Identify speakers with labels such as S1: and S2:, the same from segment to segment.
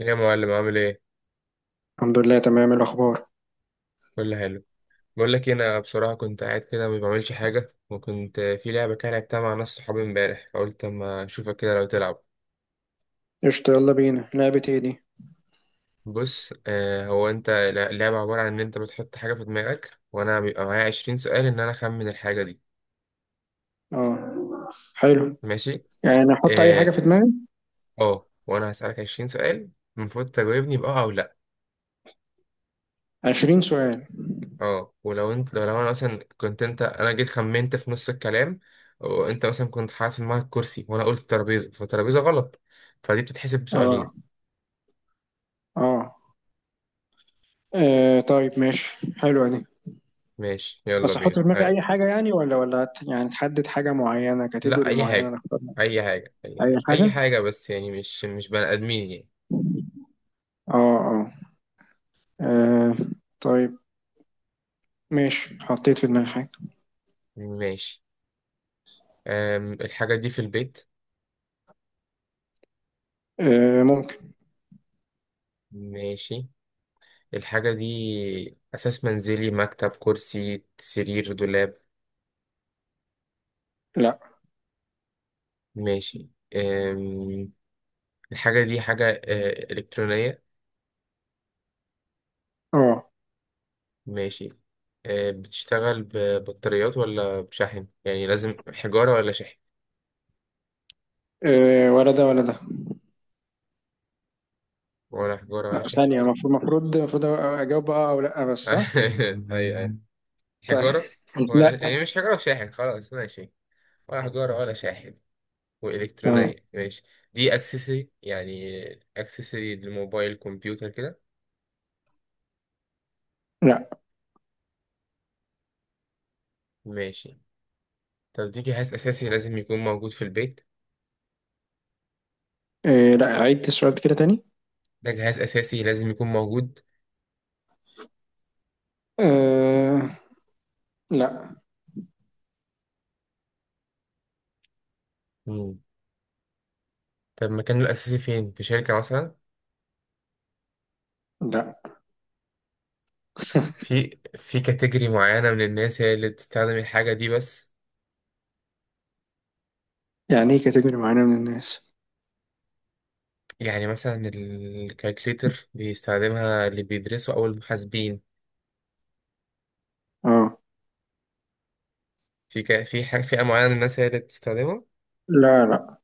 S1: يا معلم عامل ايه؟
S2: الحمد لله، تمام الأخبار.
S1: كله حلو. بقول لك إيه، انا بصراحه كنت قاعد كده ما بعملش حاجه، وكنت في لعبه كده لعبتها مع ناس صحابي امبارح، فقلت اما اشوفك كده لو تلعب.
S2: قشطة، يلا بينا، لعبة ايه دي؟
S1: بص، هو انت اللعبه عباره عن ان انت بتحط حاجه في دماغك، وانا بيبقى معايا 20 سؤال ان انا اخمن الحاجه دي.
S2: اه. حلو.
S1: ماشي.
S2: يعني نحط أي
S1: اه.
S2: حاجة في دماغي؟
S1: وانا هسالك 20 سؤال، المفروض تجاوبني باه او لا.
S2: 20 سؤال.
S1: اه، ولو انت لو لو انا مثلا كنت انت انا جيت خمنت في نص الكلام، وانت مثلا كنت حاطط في دماغك كرسي، وانا قلت ترابيزه، فترابيزه غلط، فدي بتتحسب بسؤالين.
S2: اه. اه. آه، طيب ماشي، حلوة دي.
S1: ماشي، يلا
S2: بس أحط
S1: بينا،
S2: في دماغي
S1: اه.
S2: أي حاجة يعني يعني تحدد حاجة معينة،
S1: لا،
S2: كاتيجوري
S1: اي
S2: معينة
S1: حاجه
S2: نختارها؟
S1: اي حاجه اي
S2: أي
S1: حاجه اي
S2: حاجة؟
S1: حاجه، بس يعني مش مش بني ادمين يعني.
S2: اه اه. آه، طيب. ماشي، حطيت في دماغي حاجة.
S1: ماشي. الحاجه دي في البيت؟
S2: آه ممكن.
S1: ماشي. الحاجه دي اساس منزلي؟ مكتب، كرسي، سرير، دولاب؟
S2: لا.
S1: ماشي. أم الحاجه دي حاجه الكترونيه؟
S2: اه.
S1: ماشي. بتشتغل ببطاريات ولا بشحن؟ يعني لازم حجارة ولا شحن؟
S2: آه، ولا ده ولا ده.
S1: ولا حجارة
S2: آه،
S1: ولا شحن؟
S2: ثانية. المفروض أجاوب اه أو لأ بس، صح؟
S1: أيوة أيوة،
S2: طيب.
S1: حجارة. ولا
S2: لا.
S1: يعني مش حجارة وشاحن، خلاص ماشي. ولا حجارة ولا شاحن،
S2: تمام.
S1: وإلكترونية، ماشي. دي أكسسوري يعني، أكسسوري للموبايل، كمبيوتر كده؟
S2: لا.
S1: ماشي. طب دي جهاز أساسي لازم يكون موجود في البيت؟
S2: إيه، لا، عيد السؤال كده تاني.
S1: ده جهاز أساسي لازم يكون موجود؟
S2: آه. لا
S1: مم. طب مكانه الأساسي فين؟ في شركة مثلا؟
S2: لا.
S1: في كاتيجوري معينة من الناس هي اللي بتستخدم الحاجة دي بس؟
S2: يعني ايه كاتيجوري معينة من الناس؟
S1: يعني مثلا الكالكليتر بيستخدمها اللي بيدرسوا أو المحاسبين.
S2: اه.
S1: في حاجة فئة معينة من الناس هي اللي بتستخدمها
S2: لا لا.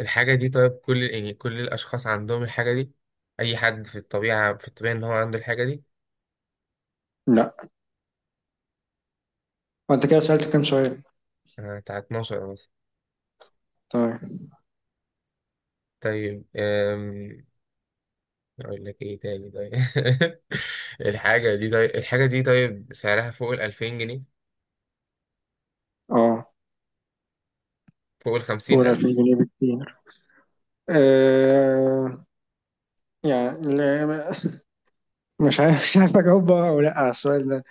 S1: الحاجة دي؟ طيب كل، يعني كل الأشخاص عندهم الحاجة دي؟ أي حد في الطبيعة إن هو عنده الحاجة دي؟
S2: لا. وانت كده سألت كام سؤال
S1: بتاع 12 مثلا.
S2: طيب؟
S1: طيب. أقول لك إيه تاني؟ طيب. الحاجة دي طيب سعرها فوق ال2000 جنيه؟
S2: اه.
S1: فوق الخمسين
S2: قول 2000
S1: ألف
S2: جنيه بكتير. آه. يعني لا ما- مش عارف، اجاوب بقى او لا على السؤال ده.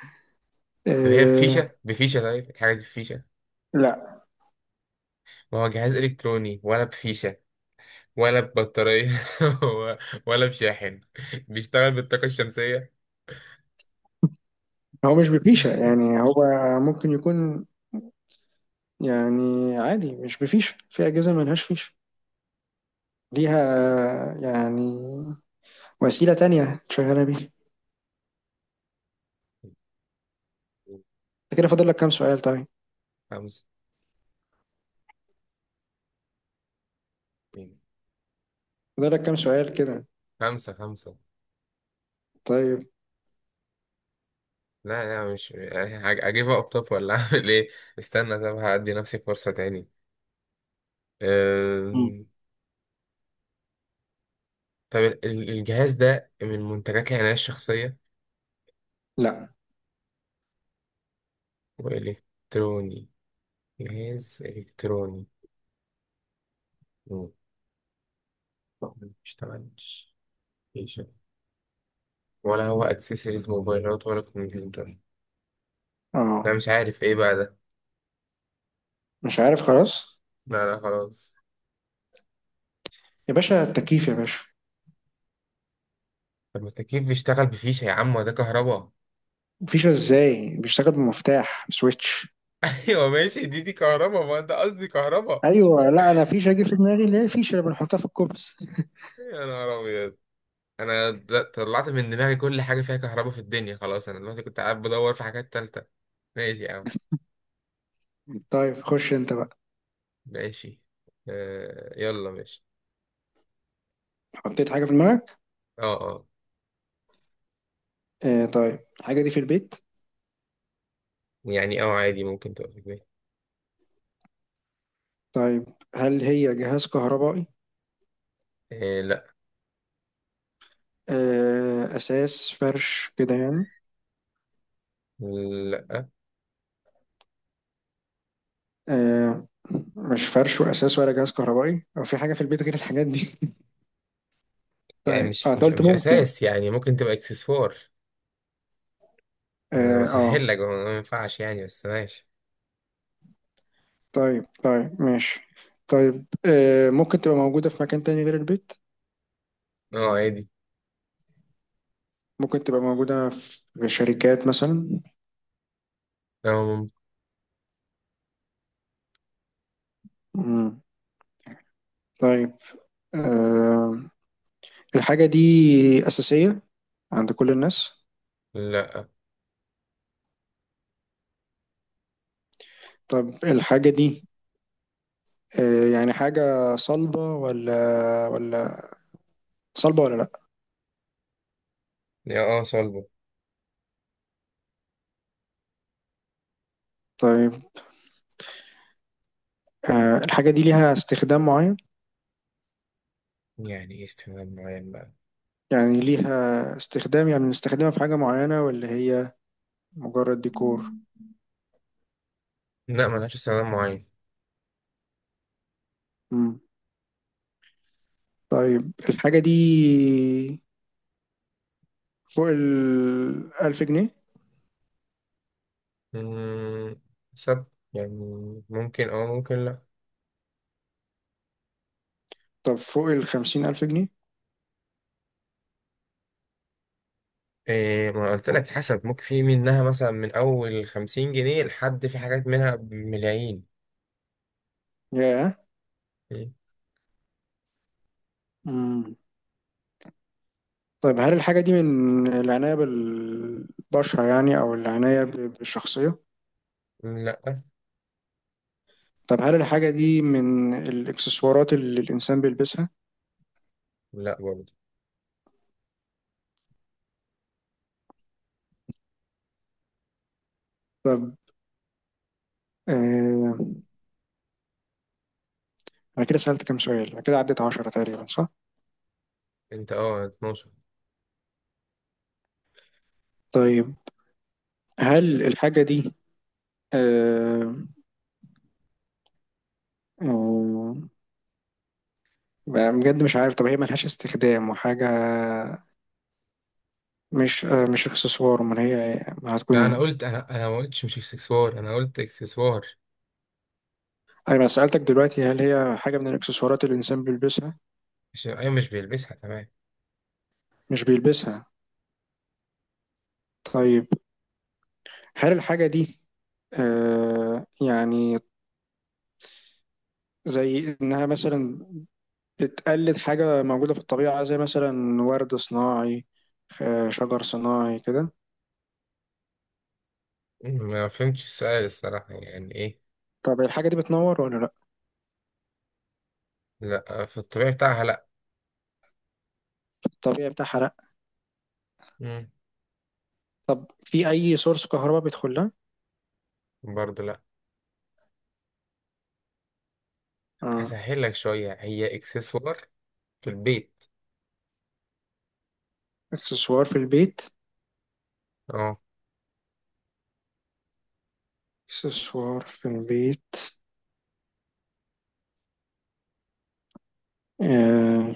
S1: طب هي
S2: آه.
S1: بفيشة؟ طيب الحاجة دي بفيشة؟
S2: لا.
S1: ما هو جهاز إلكتروني، ولا بفيشة ولا ببطارية ولا بشاحن؟ بيشتغل بالطاقة الشمسية؟
S2: هو مش بفيشة يعني هو ممكن يكون، يعني عادي مش بفيشة، في أجهزة ملهاش فيشة ليها، يعني وسيلة تانية تشغلها بيها. انت كده فاضل لك كام سؤال طيب؟
S1: خمسة.
S2: فاضل لك كام سؤال كده؟
S1: خمسة خمسة.
S2: طيب.
S1: لا، لا، مش أجيب طب ولا أعمل إيه؟ استنى، طب هأدي نفسي فرصة تاني.
S2: مم.
S1: أم... طب الجهاز ده من منتجات العناية الشخصية؟
S2: لا
S1: وإلكتروني؟ جهاز إلكتروني. مم. مشتغلش؟ ولا هو اكسسوارز موبايلات ولا كمبيوتر؟ انا
S2: اه.
S1: مش عارف ايه بقى ده.
S2: مش عارف خلاص.
S1: لا، لا، خلاص.
S2: يا باشا، التكييف يا باشا.
S1: طب ما التكييف بيشتغل بفيشة يا عم، وده كهرباء.
S2: فيشة ازاي؟ بيشتغل بمفتاح سويتش.
S1: ايوه ماشي، دي كهرباء، ما انت قصدي كهرباء.
S2: ايوه، لا، انا فيشة جه في دماغي اللي هي فيشة اللي بنحطها في الكوبس.
S1: يا نهار ابيض. انا طلعت من دماغي كل حاجه فيها كهرباء في الدنيا، خلاص انا دلوقتي كنت قاعد بدور في حاجات تالتة. ماشي يا عم.
S2: طيب خش انت بقى.
S1: ماشي، يلا ماشي.
S2: حطيت حاجة في دماغك؟
S1: اه، اه.
S2: آه، طيب الحاجة دي في البيت؟
S1: يعني عادي، ممكن تبقى في البيت.
S2: طيب، هل هي جهاز كهربائي؟
S1: آه لا.
S2: آه، اساس، فرش كده يعني؟
S1: لا،
S2: آه. مش فرش واساس ولا جهاز كهربائي، او في حاجة في البيت غير الحاجات دي؟
S1: يعني
S2: طيب
S1: مش
S2: اه، انت
S1: مش
S2: قلت
S1: مش
S2: ممكن.
S1: اساس، يعني ممكن تبقى اكسسوار. انا
S2: اه
S1: بسهل
S2: آه.
S1: لك، هو ما ينفعش يعني، بس ماشي.
S2: طيب طيب ماشي. طيب آه، ممكن تبقى موجودة في مكان تاني غير البيت؟
S1: اه عادي.
S2: ممكن تبقى موجودة في شركات مثلا؟
S1: اه ممكن،
S2: مم. طيب. آه. الحاجة دي أساسية عند كل الناس؟
S1: لا.
S2: طب الحاجة دي، آه يعني حاجة صلبة ولا صلبة ولا لأ؟
S1: يا، صلبه.
S2: طيب آه الحاجة دي ليها استخدام معين؟
S1: يعني ايه استخدام معين بقى؟
S2: يعني ليها استخدام، يعني بنستخدمها في حاجة معينة ولا هي مجرد ديكور؟
S1: لا، ملهاش استخدام معين.
S2: طيب الحاجة دي فوق ال 1000 جنيه؟
S1: مم، حسب، يعني ممكن ممكن لا.
S2: طب فوق ال 50000 جنيه؟
S1: إيه، ما قلت لك حسب، ممكن في منها مثلا من اول 50 جنيه لحد في حاجات منها بملايين.
S2: ياه.
S1: مم.
S2: مم. طيب هل الحاجة دي من العناية بالبشرة يعني، أو العناية ب- بالشخصية؟
S1: لا،
S2: طب هل الحاجة دي من الإكسسوارات اللي الإنسان بيلبسها؟
S1: لا، برضه.
S2: طب. آه. أنا كده سألت كام سؤال؟ أنا كده عديت 10 تقريبا، صح؟
S1: انت 12.
S2: طيب، هل الحاجة دي آه آه بقى بجد مش عارف. طب هي ملهاش استخدام وحاجة؟ مش آه، مش اكسسوار، امال هي ما هتكون
S1: لا، انا
S2: ايه؟
S1: قلت، انا انا ما قلتش مش اكسسوار، انا قلت اكسسوار.
S2: ايوه، أنا سألتك دلوقتي هل هي حاجة من الاكسسوارات اللي الانسان بيلبسها؟
S1: مش، ايوه مش بيلبسها، تمام.
S2: مش بيلبسها؟ طيب، هل الحاجة دي آه يعني زي انها مثلا بتقلد حاجة موجودة في الطبيعة، زي مثلا ورد صناعي، آه، شجر صناعي كده؟
S1: ما فهمتش السؤال الصراحة، يعني ايه؟
S2: طب الحاجة دي بتنور ولا لا؟
S1: لا، في الطبيعي بتاعها لا.
S2: الطبيعي بتاعها لا؟
S1: مم.
S2: طب في اي سورس كهرباء بيدخل لها؟
S1: برضه لا.
S2: اه.
S1: هسهل لك شوية، هي اكسسوار في البيت.
S2: اكسسوار في البيت؟
S1: اه.
S2: اكسسوار في البيت؟ آه،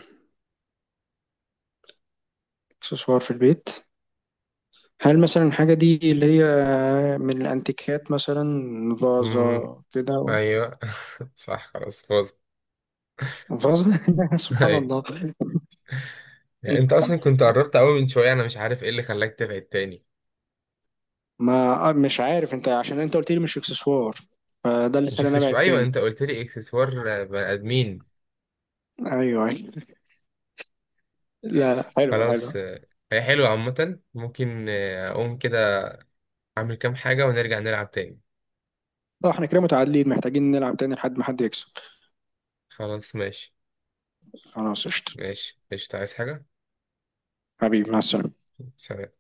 S2: اكسسوار في البيت. هل مثلا الحاجة دي اللي هي من الانتيكات مثلا، فازة
S1: مم.
S2: كده؟
S1: ايوه. صح، خلاص فوز.
S2: فازة. سبحان
S1: ايوه.
S2: الله.
S1: يعني انت اصلا كنت قربت قوي من شوية، انا مش عارف ايه اللي خلاك تبعد تاني.
S2: ما آه، مش عارف، انت عشان انت قلت لي مش اكسسوار، فده اللي
S1: مش
S2: خلاني ابعد
S1: اكسسوار، ايوه
S2: تاني.
S1: انت قلت لي اكسسوار، بني ادمين.
S2: ايوه ايوه. لا لا، حلو
S1: خلاص.
S2: حلو.
S1: هي حلوة عامة، ممكن اقوم كده اعمل كام حاجة ونرجع نلعب تاني.
S2: اه، احنا كده متعادلين، محتاجين نلعب تاني لحد ما حد يكسب.
S1: خلاص ماشي.
S2: خلاص قشطة.
S1: ماشي قشطة، عايز حاجة؟
S2: حبيبي، مع السلامة.
S1: سلام.